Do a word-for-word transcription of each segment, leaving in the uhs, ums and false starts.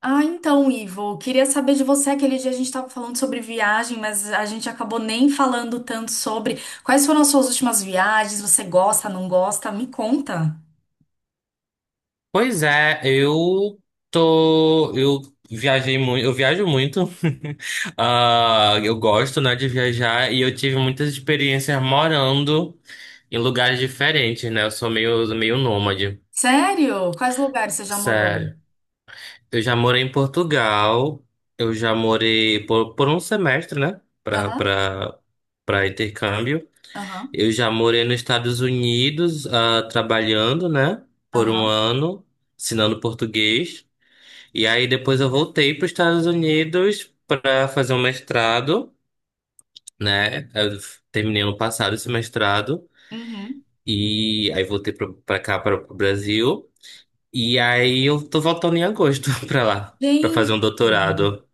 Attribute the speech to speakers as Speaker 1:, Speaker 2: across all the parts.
Speaker 1: Ah, então, Ivo, queria saber de você. Aquele dia a gente estava falando sobre viagem, mas a gente acabou nem falando tanto sobre quais foram as suas últimas viagens. Você gosta, não gosta? Me conta.
Speaker 2: Pois é, eu tô. Eu viajei muito, eu viajo muito. Ah, eu gosto, né, de viajar e eu tive muitas experiências morando em lugares diferentes, né? Eu sou meio, meio nômade,
Speaker 1: Sério? Quais lugares você já morou?
Speaker 2: sério. Eu já morei em Portugal, eu já morei por, por um semestre, né? Pra,
Speaker 1: Aham,
Speaker 2: pra, pra intercâmbio.
Speaker 1: aham,
Speaker 2: Eu já morei nos Estados Unidos, ah, trabalhando, né? Por um
Speaker 1: aham.
Speaker 2: ano, ensinando português. E aí depois eu voltei para os Estados Unidos para fazer um mestrado, né? Eu f- terminei ano passado esse mestrado
Speaker 1: Uhum.
Speaker 2: e aí voltei para cá para o Brasil e aí eu tô voltando em agosto para lá para fazer um
Speaker 1: Gente.
Speaker 2: doutorado.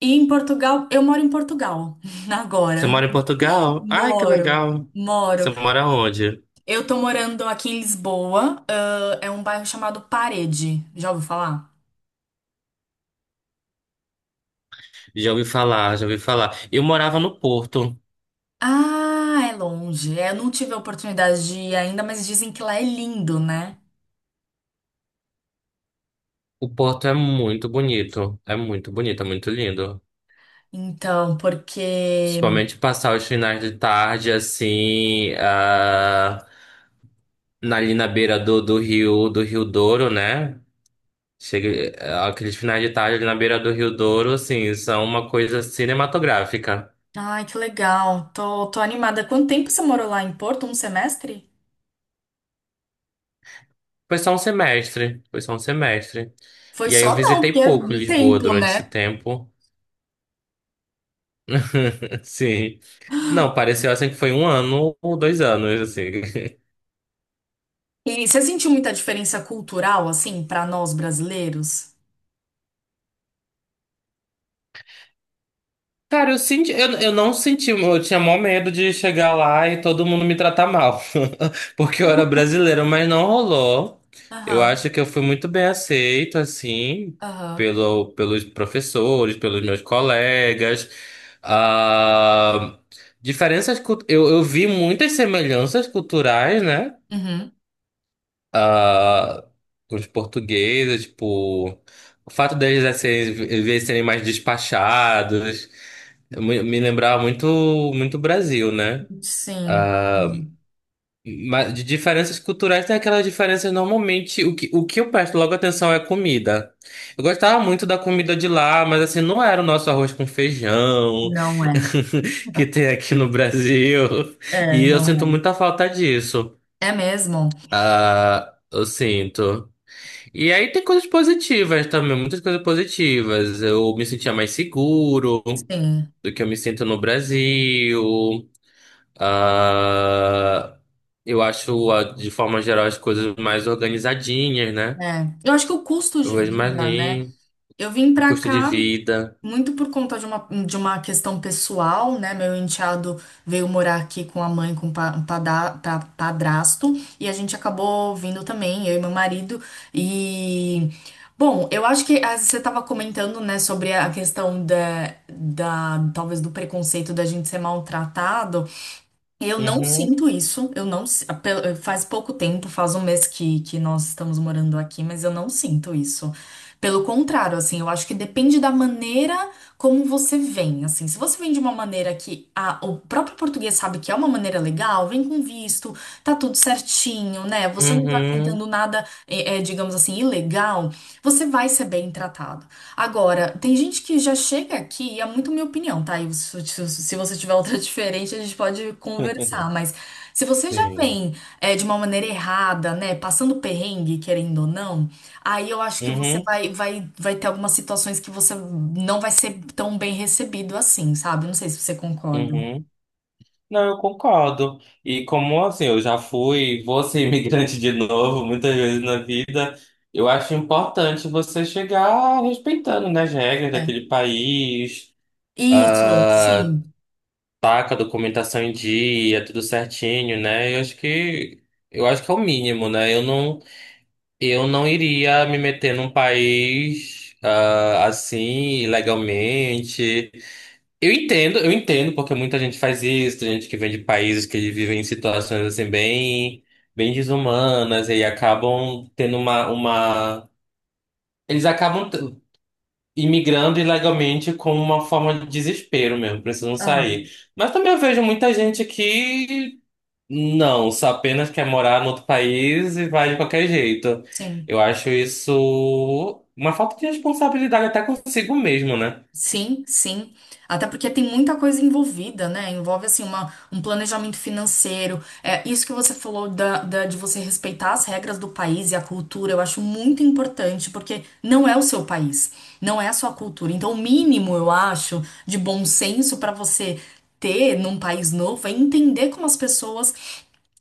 Speaker 1: E em Portugal, eu moro em Portugal
Speaker 2: Você
Speaker 1: agora.
Speaker 2: mora em Portugal? Ai, que
Speaker 1: Moro,
Speaker 2: legal.
Speaker 1: moro.
Speaker 2: Você mora onde?
Speaker 1: Eu tô morando aqui em Lisboa, ah, é um bairro chamado Parede. Já ouviu falar?
Speaker 2: Já ouvi falar, já ouvi falar. Eu morava no Porto.
Speaker 1: Ah, é longe. É, eu não tive a oportunidade de ir ainda, mas dizem que lá é lindo, né?
Speaker 2: O Porto é muito bonito, é muito bonito, é muito lindo.
Speaker 1: Então, porque.
Speaker 2: Principalmente passar os finais de tarde, assim, ah, na, ali na beira do, do rio, do Rio Douro, né? Chega, ah, aqueles finais de tarde ali na beira do Rio Douro, assim, são uma coisa cinematográfica.
Speaker 1: Ai, que legal. Tô, tô animada. Quanto tempo você morou lá em Porto? Um semestre?
Speaker 2: Foi só um semestre, foi só um semestre.
Speaker 1: Foi
Speaker 2: E aí eu
Speaker 1: só não, porque
Speaker 2: visitei
Speaker 1: é
Speaker 2: pouco
Speaker 1: um
Speaker 2: Lisboa
Speaker 1: tempo,
Speaker 2: durante esse
Speaker 1: né?
Speaker 2: tempo, sim. Não, pareceu assim que foi um ano ou dois anos, assim.
Speaker 1: E você sentiu muita diferença cultural, assim, pra nós brasileiros?
Speaker 2: Cara, eu senti, eu, eu não senti, eu tinha maior medo de chegar lá e todo mundo me tratar mal, porque eu era brasileiro, mas não rolou. Eu
Speaker 1: Aham,
Speaker 2: acho que eu fui muito bem aceito, assim,
Speaker 1: aham.
Speaker 2: pelo, pelos professores, pelos meus colegas. Ah, diferenças, cult- eu, eu vi muitas semelhanças culturais, né?
Speaker 1: Uhum.
Speaker 2: Ah, os portugueses, tipo, o fato deles já serem, às vezes serem mais despachados, me me lembrava muito, muito Brasil, né?
Speaker 1: Sim.
Speaker 2: Ah,
Speaker 1: Sim.
Speaker 2: mas de diferenças culturais tem aquelas diferenças normalmente. O que, o que eu presto logo atenção é comida. Eu gostava muito da comida de lá, mas assim, não era o nosso arroz com feijão
Speaker 1: Não é.
Speaker 2: que tem aqui no Brasil.
Speaker 1: É,
Speaker 2: E eu
Speaker 1: não
Speaker 2: sinto
Speaker 1: é.
Speaker 2: muita falta disso.
Speaker 1: É mesmo?
Speaker 2: Ah, eu sinto. E aí tem coisas positivas também, muitas coisas positivas. Eu me sentia mais seguro
Speaker 1: Sim.
Speaker 2: do que eu me sinto no Brasil. Ah, eu acho, ah, de forma geral, as coisas mais organizadinhas, né?
Speaker 1: É. Eu acho que o custo
Speaker 2: Eu
Speaker 1: de
Speaker 2: vejo mais
Speaker 1: vida, né?
Speaker 2: limpo,
Speaker 1: Eu vim
Speaker 2: o
Speaker 1: pra
Speaker 2: custo de
Speaker 1: cá
Speaker 2: vida.
Speaker 1: muito por conta de uma, de uma questão pessoal, né? Meu enteado veio morar aqui com a mãe, com o pa- pada- pa- padrasto, e a gente acabou vindo também, eu e meu marido. E, bom, eu acho que ah, você estava comentando, né, sobre a questão da, da, talvez do preconceito da gente ser maltratado. Eu não
Speaker 2: Uhum,
Speaker 1: sinto isso, eu não, si- pe- faz pouco tempo, faz um mês que, que nós estamos morando aqui, mas eu não sinto isso. Pelo contrário, assim, eu acho que depende da maneira como você vem, assim, se você vem de uma maneira que a- o próprio português sabe que é uma maneira legal, vem com visto, tá tudo certinho, né? Você não tá
Speaker 2: uhum.
Speaker 1: tentando nada, eh, eh, digamos assim, ilegal, você vai ser bem tratado. Agora, tem gente que já chega aqui, e é muito minha opinião, tá? E se, se- você tiver outra diferente, a gente pode conversar. Mas se você já
Speaker 2: Sim.
Speaker 1: vem é, de uma maneira errada, né? Passando perrengue, querendo ou não, aí eu acho que você
Speaker 2: Uhum,
Speaker 1: vai, vai, vai ter algumas situações que você não vai ser tão bem recebido assim, sabe? Não sei se você concorda.
Speaker 2: uhum. Não, eu concordo. E como assim, eu já fui, vou ser imigrante de novo muitas vezes na vida. Eu acho importante você chegar respeitando, né, as regras
Speaker 1: É.
Speaker 2: daquele país,
Speaker 1: Isso,
Speaker 2: ah,
Speaker 1: sim.
Speaker 2: tá com a documentação em dia, tudo certinho, né? Eu acho que eu acho que é o mínimo, né? Eu não eu não iria me meter num país ah, assim ilegalmente. Eu entendo, eu entendo porque muita gente faz isso, tem gente que vem de países que eles vivem em situações assim bem bem desumanas e aí acabam tendo uma uma eles acabam. t- imigrando ilegalmente como uma forma de desespero mesmo, precisam sair.
Speaker 1: Aham,
Speaker 2: Mas também eu vejo muita gente que não, só apenas quer morar no outro país e vai de qualquer jeito.
Speaker 1: sim.
Speaker 2: Eu acho isso uma falta de responsabilidade até consigo mesmo, né?
Speaker 1: Sim, sim. Até porque tem muita coisa envolvida, né? Envolve, assim, uma, um planejamento financeiro. É, isso que você falou da, da- de você respeitar as regras do país e a cultura, eu acho muito importante, porque não é o seu país, não é a sua cultura. Então, o mínimo, eu acho, de bom senso para você ter num país novo é entender como as pessoas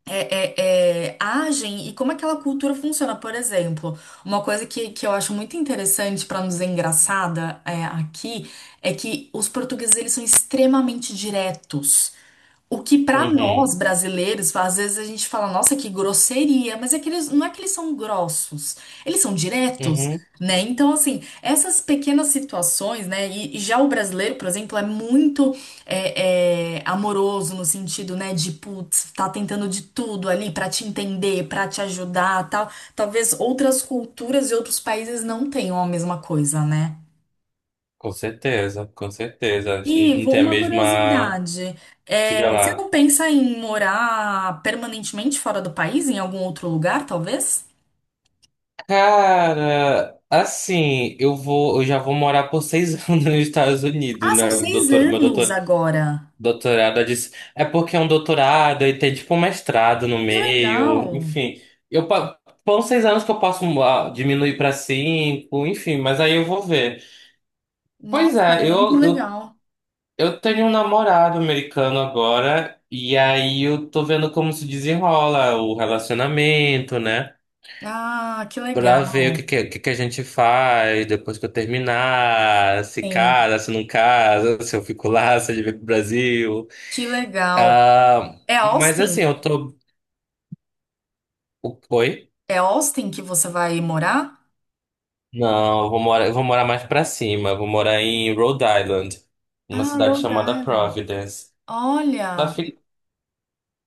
Speaker 1: é, é, é, agem e como aquela cultura funciona. Por exemplo, uma coisa que, que eu acho muito interessante para nos engraçada é, aqui é que os portugueses eles são extremamente diretos. O que para nós
Speaker 2: Uhum,
Speaker 1: brasileiros, às vezes a gente fala, nossa, que grosseria, mas é que eles, não é que eles são grossos, eles são diretos,
Speaker 2: uhum,
Speaker 1: né? Então, assim, essas pequenas situações, né? E, e já o brasileiro, por exemplo, é muito é, é, amoroso no sentido, né, de putz, tá tentando de tudo ali para te entender, para te ajudar, tal. Talvez outras culturas e outros países não tenham a mesma coisa, né?
Speaker 2: com certeza, com certeza. A gente não
Speaker 1: Ivo,
Speaker 2: tem a
Speaker 1: uma
Speaker 2: mesma.
Speaker 1: curiosidade.
Speaker 2: Diga
Speaker 1: É, você não
Speaker 2: lá.
Speaker 1: pensa em morar permanentemente fora do país, em algum outro lugar, talvez?
Speaker 2: Cara, assim, eu vou, eu já vou morar por seis anos nos Estados Unidos,
Speaker 1: Ah, são
Speaker 2: né?
Speaker 1: seis
Speaker 2: Doutor, meu
Speaker 1: anos
Speaker 2: doutor,
Speaker 1: agora.
Speaker 2: doutorado, eu disse, é porque é um doutorado e tem tipo um mestrado no
Speaker 1: Que
Speaker 2: meio,
Speaker 1: legal!
Speaker 2: enfim. Eu pa- Foram seis anos que eu posso ah, diminuir para cinco, enfim, mas aí eu vou ver. Pois
Speaker 1: Nossa,
Speaker 2: é,
Speaker 1: muito
Speaker 2: eu, eu,
Speaker 1: legal.
Speaker 2: eu tenho um namorado americano agora, e aí eu tô vendo como se desenrola o relacionamento, né?
Speaker 1: Ah, que
Speaker 2: Pra ver o que,
Speaker 1: legal.
Speaker 2: que, o que que a gente faz depois que eu terminar, se
Speaker 1: Sim,
Speaker 2: casa, se não casa, se eu fico lá, se ele vem pro Brasil.
Speaker 1: que legal.
Speaker 2: Ah,
Speaker 1: É
Speaker 2: mas assim,
Speaker 1: Austin?
Speaker 2: eu tô. o- Oi?
Speaker 1: É Austin que você vai morar?
Speaker 2: Não, eu vou morar, eu vou morar mais pra cima. Eu vou morar em Rhode Island, uma
Speaker 1: Ah,
Speaker 2: cidade
Speaker 1: Rhode
Speaker 2: chamada
Speaker 1: Island.
Speaker 2: Providence. Lá
Speaker 1: Olha.
Speaker 2: fica,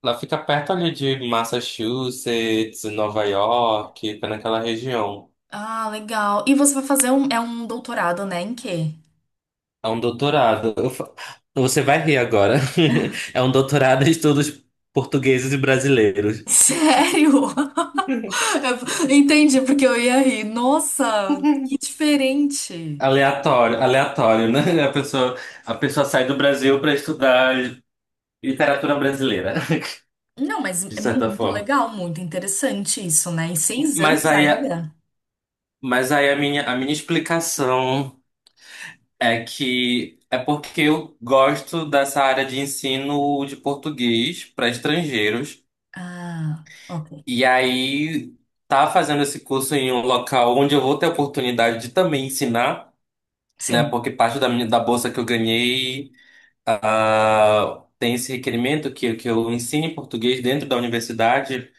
Speaker 2: lá fica perto ali de Massachusetts, Nova York, fica naquela região.
Speaker 1: Ah, legal. E você vai fazer um, é um doutorado, né? Em quê?
Speaker 2: É um doutorado. Eu fa- Você vai rir agora. É um doutorado em estudos portugueses e brasileiros.
Speaker 1: Sério? Entendi, porque eu ia rir. Nossa, que diferente.
Speaker 2: Aleatório, aleatório, né? A pessoa, a pessoa sai do Brasil para estudar literatura brasileira.
Speaker 1: Não, mas
Speaker 2: De
Speaker 1: é
Speaker 2: certa
Speaker 1: muito
Speaker 2: forma.
Speaker 1: legal, muito interessante isso, né? Em seis
Speaker 2: Mas
Speaker 1: anos
Speaker 2: aí, a-
Speaker 1: ainda?
Speaker 2: mas aí a minha, a minha explicação é que é porque eu gosto dessa área de ensino de português para estrangeiros.
Speaker 1: Ah, ok.
Speaker 2: E aí tá fazendo esse curso em um local onde eu vou ter a oportunidade de também ensinar, né?
Speaker 1: Sim.
Speaker 2: Porque parte da minha, da bolsa que eu ganhei, ah, tem esse requerimento que, que eu ensine português dentro da universidade.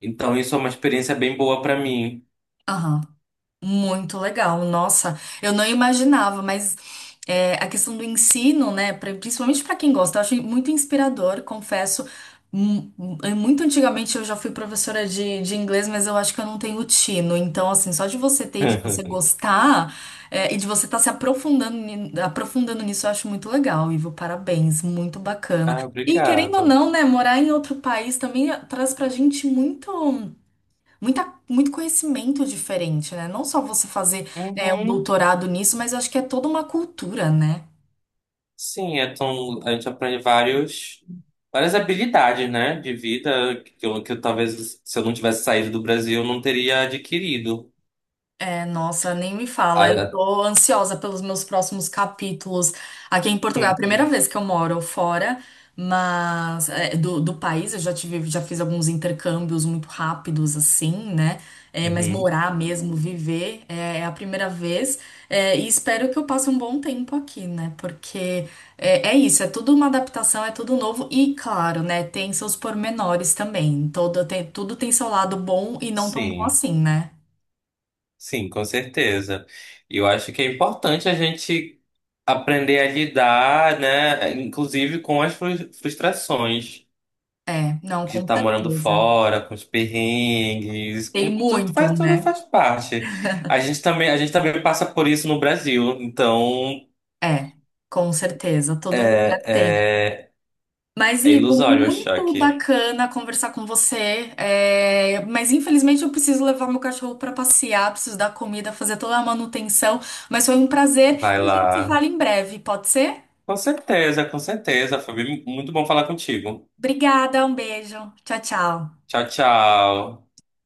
Speaker 2: Então isso é uma experiência bem boa para mim.
Speaker 1: Aham. Muito legal, nossa, eu não imaginava, mas é, a questão do ensino, né, pra- principalmente para quem gosta, eu acho muito inspirador, confesso. Mu- Muito antigamente eu já fui professora de, de inglês, mas eu acho que eu não tenho tino. Então, assim, só de você ter e de você gostar, é, e de você estar se aprofundando, ni- aprofundando nisso, eu acho muito legal, Ivo. Parabéns, muito bacana.
Speaker 2: Ah,
Speaker 1: E querendo ou
Speaker 2: obrigado.
Speaker 1: não, né, morar em outro país também traz pra gente muito muita, muito conhecimento diferente, né? Não só você fazer, é, um
Speaker 2: Uhum.
Speaker 1: doutorado nisso, mas eu acho que é toda uma cultura, né?
Speaker 2: Sim, então a gente aprende vários, várias habilidades, né, de vida que eu, que eu talvez se eu não tivesse saído do Brasil eu não teria adquirido.
Speaker 1: É, nossa, nem me fala. Eu
Speaker 2: Ah,
Speaker 1: tô ansiosa pelos meus próximos capítulos aqui em Portugal. É a primeira
Speaker 2: uhum.
Speaker 1: vez que eu moro fora, mas é, do, do país eu já tive, já fiz alguns intercâmbios muito rápidos, assim, né? É, mas
Speaker 2: Uhum.
Speaker 1: morar mesmo, viver, é, é a primeira vez. É, e espero que eu passe um bom tempo aqui, né? Porque é, é isso, é tudo uma adaptação, é tudo novo e, claro, né? Tem seus pormenores também. Todo, tem, tudo tem seu lado bom e não tão bom
Speaker 2: Sim,
Speaker 1: assim, né?
Speaker 2: sim, com certeza. E eu acho que é importante a gente aprender a lidar, né, inclusive com as frus- frustrações.
Speaker 1: É, não,
Speaker 2: De
Speaker 1: com
Speaker 2: estar morando
Speaker 1: certeza.
Speaker 2: fora, com os perrengues,
Speaker 1: Tem
Speaker 2: com tudo,
Speaker 1: muito,
Speaker 2: faz tudo
Speaker 1: né?
Speaker 2: faz parte. A gente também, a gente também passa por isso no Brasil, então
Speaker 1: É, com certeza, todo lugar tem.
Speaker 2: é, é,
Speaker 1: Mas,
Speaker 2: é
Speaker 1: Ivo,
Speaker 2: ilusório achar
Speaker 1: muito
Speaker 2: que
Speaker 1: bacana conversar com você. É, mas, infelizmente, eu preciso levar meu cachorro para passear, preciso dar comida, fazer toda a manutenção. Mas foi um prazer
Speaker 2: vai
Speaker 1: e a gente se
Speaker 2: lá.
Speaker 1: fala em breve, pode ser?
Speaker 2: Com certeza, com certeza, Fabi, muito bom falar contigo.
Speaker 1: Obrigada, um beijo. Tchau, tchau.
Speaker 2: Tchau, tchau.